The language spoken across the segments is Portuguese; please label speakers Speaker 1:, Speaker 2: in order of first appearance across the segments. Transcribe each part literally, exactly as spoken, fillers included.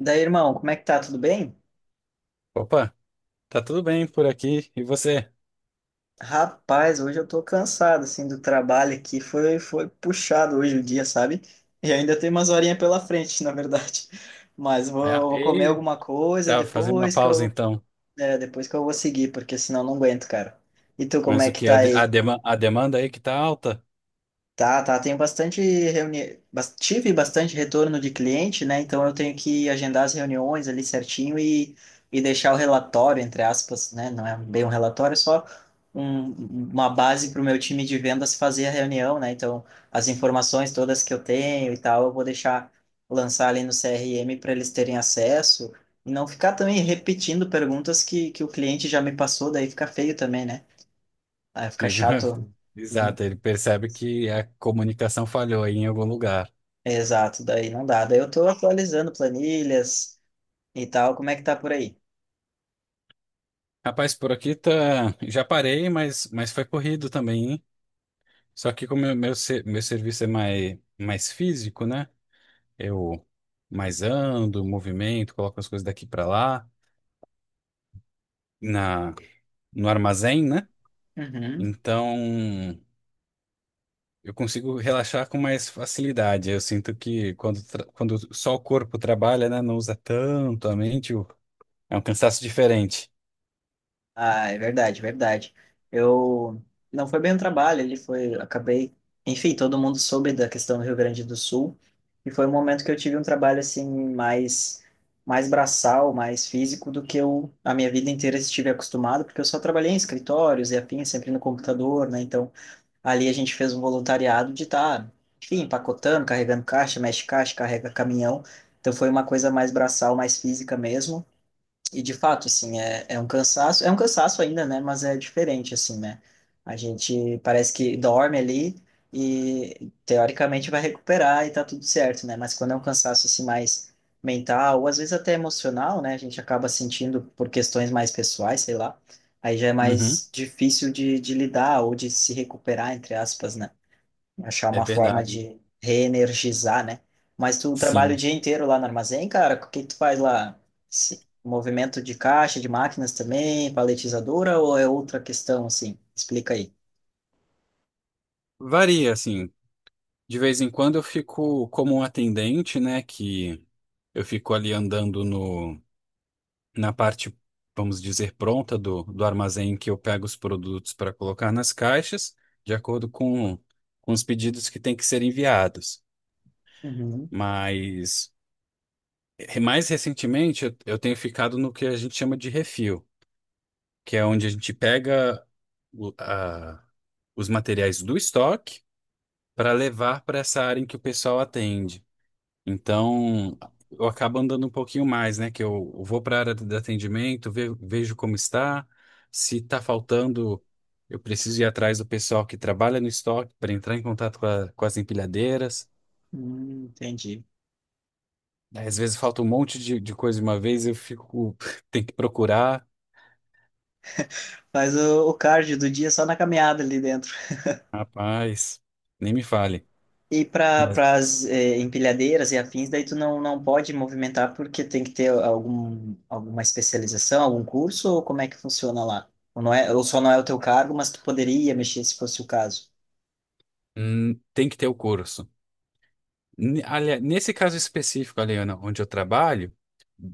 Speaker 1: Daí, irmão, como é que tá? Tudo bem?
Speaker 2: Opa, tá tudo bem por aqui e você?
Speaker 1: Rapaz, hoje eu tô cansado, assim, do trabalho aqui. Foi, foi puxado hoje o dia, sabe? E ainda tem umas horinhas pela frente, na verdade. Mas
Speaker 2: Ah,
Speaker 1: vou, vou comer
Speaker 2: e
Speaker 1: alguma coisa
Speaker 2: tá fazendo uma
Speaker 1: depois que
Speaker 2: pausa
Speaker 1: eu,
Speaker 2: então.
Speaker 1: é, depois que eu vou seguir, porque senão não aguento, cara. E tu, como
Speaker 2: Mas
Speaker 1: é
Speaker 2: o
Speaker 1: que
Speaker 2: que a,
Speaker 1: tá
Speaker 2: de- a,
Speaker 1: aí?
Speaker 2: dema- a demanda aí que tá alta?
Speaker 1: Tá, tá. Tenho bastante reuni... bas- tive bastante retorno de cliente, né? Então eu tenho que agendar as reuniões ali certinho e, e deixar o relatório, entre aspas, né? Não é bem um relatório, é só um, uma base para o meu time de vendas fazer a reunião, né? Então as informações todas que eu tenho e tal, eu vou deixar lançar ali no C R M para eles terem acesso e não ficar também repetindo perguntas que, que o cliente já me passou, daí fica feio também, né? Aí fica
Speaker 2: Fica-
Speaker 1: chato né?
Speaker 2: Exato, ele percebe que a comunicação falhou aí em algum lugar.
Speaker 1: Exato, daí não dá. Daí eu tô atualizando planilhas e tal. Como é que tá por aí?
Speaker 2: Rapaz, por aqui tá, já parei, mas, mas foi corrido também, hein? Só que como meu, meu, ser- meu serviço é mais, mais físico, né? Eu mais ando, movimento, coloco as coisas daqui para lá na no armazém, né?
Speaker 1: Uhum.
Speaker 2: Então, eu consigo relaxar com mais facilidade. Eu sinto que quando, tra- quando só o corpo trabalha, né, não usa tanto a mente, o- é um cansaço diferente.
Speaker 1: Ah, é verdade, verdade. Eu não foi bem um trabalho, ele foi, acabei, enfim, todo mundo soube da questão do Rio Grande do Sul e foi um momento que eu tive um trabalho assim mais mais braçal, mais físico do que eu a minha vida inteira estive acostumado, porque eu só trabalhei em escritórios e afim, sempre no computador, né? Então Ali a gente fez um voluntariado de estar, enfim, empacotando, carregando caixa, mexe caixa, carrega caminhão. Então foi uma coisa mais braçal, mais física mesmo. E de fato, assim, é, é um cansaço, é um cansaço ainda, né? Mas é diferente, assim, né? A gente parece que dorme ali e teoricamente vai recuperar e tá tudo certo, né? Mas quando é um cansaço assim mais mental, ou às vezes até emocional, né? A gente acaba sentindo por questões mais pessoais, sei lá. Aí já é
Speaker 2: Uhum,
Speaker 1: mais difícil de, de lidar ou de se recuperar, entre aspas, né? Achar
Speaker 2: é
Speaker 1: uma forma
Speaker 2: verdade.
Speaker 1: de reenergizar, né? Mas tu trabalha o
Speaker 2: Sim.
Speaker 1: dia inteiro lá no armazém, cara? O que que tu faz lá? Se- Movimento de caixa, de máquinas também, paletizadora ou é outra questão assim? Explica aí.
Speaker 2: Varia, assim. De vez em quando eu fico como um atendente, né, que eu fico ali andando no na parte, vamos dizer, pronta do, do armazém que eu pego os produtos para colocar nas caixas, de acordo com, com os pedidos que têm que ser enviados.
Speaker 1: Uhum.
Speaker 2: Mas eh, mais recentemente eu, eu tenho ficado no que a gente chama de refil, que é onde a gente pega o- a- os materiais do estoque para levar para essa área em que o pessoal atende. Então, eu acabo andando um pouquinho mais, né? Que eu eu vou para a área de atendimento, ve- vejo como está. Se está faltando, eu preciso ir atrás do pessoal que trabalha no estoque para entrar em contato com, a- com as empilhadeiras.
Speaker 1: Hum, entendi.
Speaker 2: Aí, às vezes falta um monte de, de coisa de uma vez, eu fico, tem que procurar.
Speaker 1: Faz o, o cardio do dia só na caminhada ali dentro.
Speaker 2: Rapaz, nem me fale.
Speaker 1: E
Speaker 2: Mas
Speaker 1: para as empilhadeiras e afins, daí tu não, não pode movimentar porque tem que ter algum, alguma especialização, algum curso, ou como é que funciona lá? Ou, não é, ou só não é o teu cargo, mas tu poderia mexer se fosse o caso.
Speaker 2: hum, tem que ter o curso. N- Aliás, nesse caso específico, Aliana, onde eu trabalho,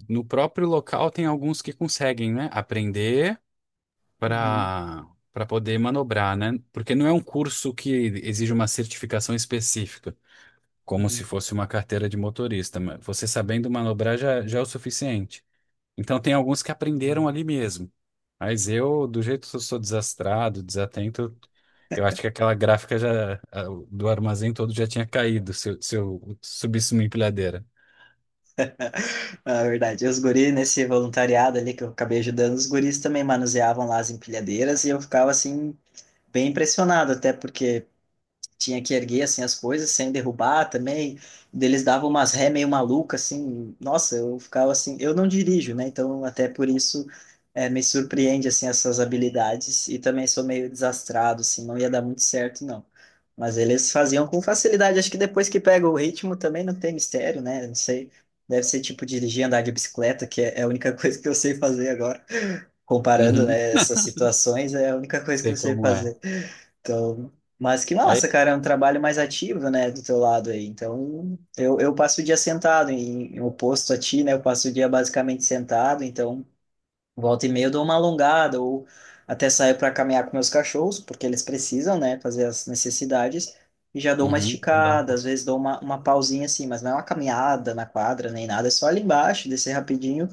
Speaker 2: no próprio local tem alguns que conseguem, né, aprender
Speaker 1: Uhum,
Speaker 2: para para poder manobrar, né? Porque não é um curso que exige uma certificação específica, como se
Speaker 1: uhum,
Speaker 2: fosse uma carteira de motorista. Mas você sabendo manobrar já, já é o suficiente. Então tem alguns que aprenderam
Speaker 1: uhum.
Speaker 2: ali mesmo. Mas eu, do jeito que eu sou desastrado, desatento, eu acho que aquela gráfica já a- do armazém todo já tinha caído se eu, se eu subisse uma empilhadeira.
Speaker 1: Ah, é verdade. Os guris, nesse voluntariado ali que eu acabei ajudando, os guris também manuseavam lá as empilhadeiras e eu ficava assim, bem impressionado, até porque tinha que erguer assim as coisas sem derrubar também. Eles davam umas ré meio maluca assim. Nossa, eu ficava assim, eu não dirijo, né? Então até por isso é, me surpreende assim essas habilidades e também sou meio desastrado assim, não ia dar muito certo não. Mas eles faziam com facilidade, acho que depois que pega o ritmo também não tem mistério, né? Não sei. Deve ser tipo dirigir, andar de bicicleta, que é é a única coisa que eu sei fazer agora comparando,
Speaker 2: Uhum,
Speaker 1: né, essas situações, é a única coisa que eu
Speaker 2: sei
Speaker 1: sei
Speaker 2: como é.
Speaker 1: fazer. Então, mas que
Speaker 2: Aí,
Speaker 1: massa, cara, é um trabalho mais ativo, né, do teu lado aí. Então, eu, eu passo o dia sentado, em, em oposto a ti, né, eu passo o dia basicamente sentado, então Volta e meia eu dou uma alongada ou até saio para caminhar com meus cachorros, porque eles precisam, né, fazer as necessidades. E já dou uma
Speaker 2: uhum, dá um
Speaker 1: esticada,
Speaker 2: pouco.
Speaker 1: às vezes dou uma, uma pausinha assim, mas não é uma caminhada na quadra nem nada, é só ali embaixo, descer rapidinho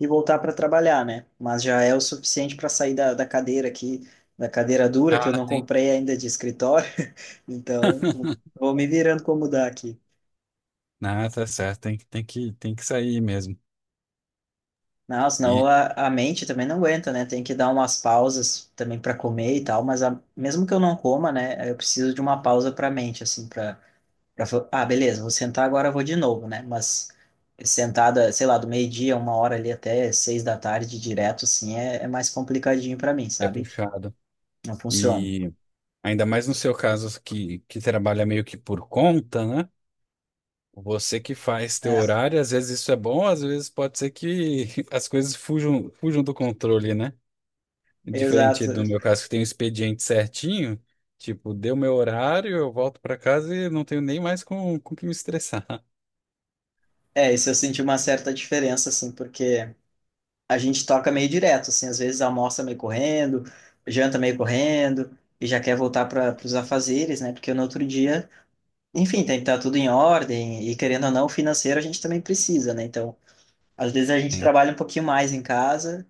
Speaker 1: e voltar para trabalhar, né? Mas já é o suficiente para sair da, da cadeira aqui, da cadeira dura que eu
Speaker 2: Ah,
Speaker 1: não
Speaker 2: tem.
Speaker 1: comprei ainda de escritório. Então, vou me virando como dá aqui.
Speaker 2: Ah, tá certo. Tem, que- tem que, tem que sair mesmo.
Speaker 1: Não, senão
Speaker 2: E
Speaker 1: a, a mente também não aguenta, né? Tem que dar umas pausas também para comer e tal, mas a- mesmo que eu não coma, né? Eu preciso de uma pausa para a mente, assim, para ah, beleza, vou sentar agora, eu vou de novo, né? Mas sentada, sei lá, do meio-dia, uma hora ali até seis da tarde direto, assim, é, é mais complicadinho para mim,
Speaker 2: é
Speaker 1: sabe?
Speaker 2: puxado.
Speaker 1: Não funciona.
Speaker 2: E ainda mais no seu caso que, que trabalha meio que por conta, né? Você que faz teu
Speaker 1: É,
Speaker 2: horário, às vezes isso é bom, às vezes pode ser que as coisas fujam, fujam do controle, né? Diferente do
Speaker 1: exato.
Speaker 2: meu caso, que tem um expediente certinho, tipo, deu meu horário, eu volto para casa e não tenho nem mais com, com que me estressar.
Speaker 1: É, isso eu senti uma certa diferença, assim, porque a gente toca meio direto, assim, às vezes almoça meio correndo, janta meio correndo, e já quer voltar para os afazeres, né? Porque no outro dia, enfim, tem que estar tudo em ordem, e querendo ou não, o financeiro a gente também precisa, né? Então, às vezes a gente
Speaker 2: Sim.
Speaker 1: trabalha um pouquinho mais em casa,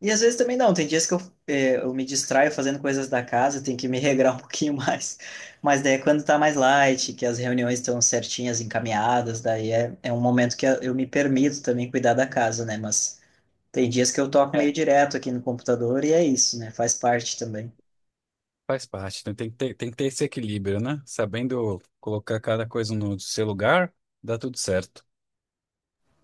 Speaker 1: e às vezes também não, tem dias que eu, eh, eu me distraio fazendo coisas da casa, tem que me regrar um pouquinho mais, mas daí é quando tá mais light, que as reuniões estão certinhas, encaminhadas, daí é, é um momento que eu me permito também cuidar da casa, né? Mas tem dias que eu toco meio
Speaker 2: É,
Speaker 1: direto aqui no computador e é isso, né? Faz parte também.
Speaker 2: faz parte, né? Tem que ter, tem que ter esse equilíbrio, né? Sabendo colocar cada coisa no seu lugar, dá tudo certo.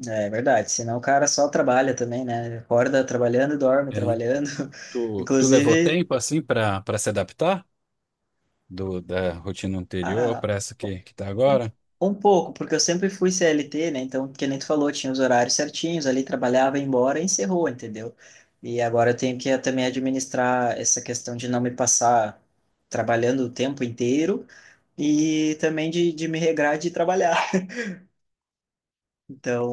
Speaker 1: É verdade. Senão o cara só trabalha também, né? Acorda trabalhando e dorme
Speaker 2: É.
Speaker 1: trabalhando.
Speaker 2: Tu, tu levou
Speaker 1: Inclusive,
Speaker 2: tempo assim para para se adaptar do, da rotina anterior
Speaker 1: ah,
Speaker 2: para essa que, que tá
Speaker 1: um,
Speaker 2: agora?
Speaker 1: um pouco, porque eu sempre fui C L T, né? Então, que nem tu falou, tinha os horários certinhos, ali trabalhava, ia embora e encerrou, entendeu? E agora eu tenho que eh, também administrar essa questão de não me passar trabalhando o tempo inteiro e também de, de me regrar de trabalhar.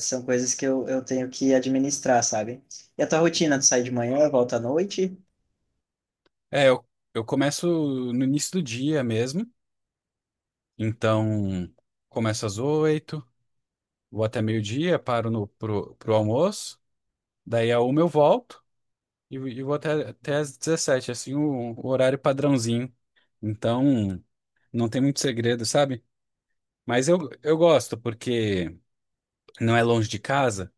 Speaker 1: São coisas que eu, eu tenho que administrar, sabe? E a tua rotina, tu sai de manhã, volta à noite
Speaker 2: É, eu, eu começo no início do dia mesmo, então começo às oito, vou até meio-dia, paro no, pro, pro almoço, daí a uma eu volto e, e vou até, até às dezessete, assim, o, o horário padrãozinho. Então, não tem muito segredo, sabe? Mas eu, eu gosto, porque não é longe de casa.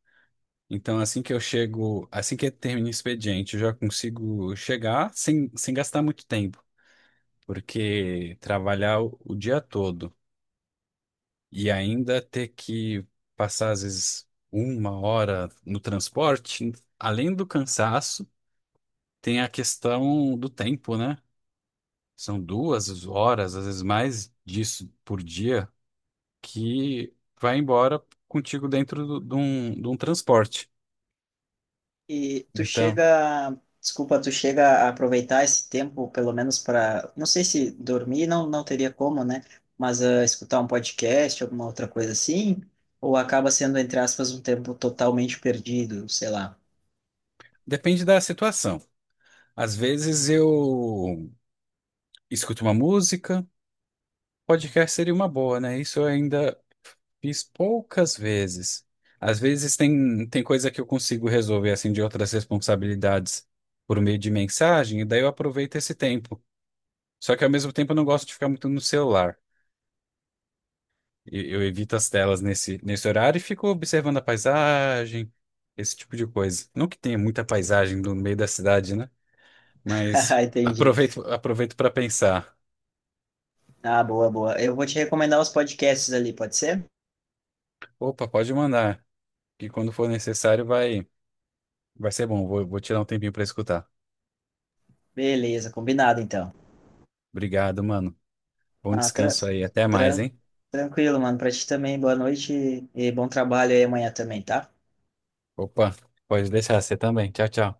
Speaker 2: Então, assim que eu chego, assim que termina o expediente, eu já consigo chegar sem, sem gastar muito tempo. Porque trabalhar o, o dia todo e ainda ter que passar, às vezes, uma hora no transporte, além do cansaço, tem a questão do tempo, né? São duas horas, às vezes mais disso por dia, que vai embora contigo dentro do- de um, de um transporte.
Speaker 1: e tu
Speaker 2: Então,
Speaker 1: chega, desculpa, tu chega a aproveitar esse tempo, pelo menos para, não sei se dormir não, não teria como, né? Mas ah, escutar um podcast, alguma outra coisa assim, ou acaba sendo, entre aspas, um tempo totalmente perdido, sei lá.
Speaker 2: depende da situação. Às vezes eu escuto uma música, podcast seria uma boa, né? Isso eu ainda fiz poucas vezes. Às vezes tem, tem coisa que eu consigo resolver, assim, de outras responsabilidades por meio de mensagem, e daí eu aproveito esse tempo. Só que ao mesmo tempo eu não gosto de ficar muito no celular. E- Eu evito as telas nesse, nesse horário e fico observando a paisagem, esse tipo de coisa. Não que tenha muita paisagem no meio da cidade, né? Mas
Speaker 1: Ah, entendi.
Speaker 2: aproveito, aproveito para pensar.
Speaker 1: Ah, boa, boa. Eu vou te recomendar os podcasts ali, pode ser?
Speaker 2: Opa, pode mandar, que quando for necessário vai, vai ser bom. Vou, vou tirar um tempinho para escutar.
Speaker 1: Beleza, combinado então.
Speaker 2: Obrigado, mano. Bom
Speaker 1: Ah, tra-
Speaker 2: descanso aí. Até mais,
Speaker 1: tran-
Speaker 2: hein?
Speaker 1: tranquilo, mano. Pra ti também, boa noite e bom trabalho aí amanhã também, tá?
Speaker 2: Opa, pode deixar você também. Tchau, tchau.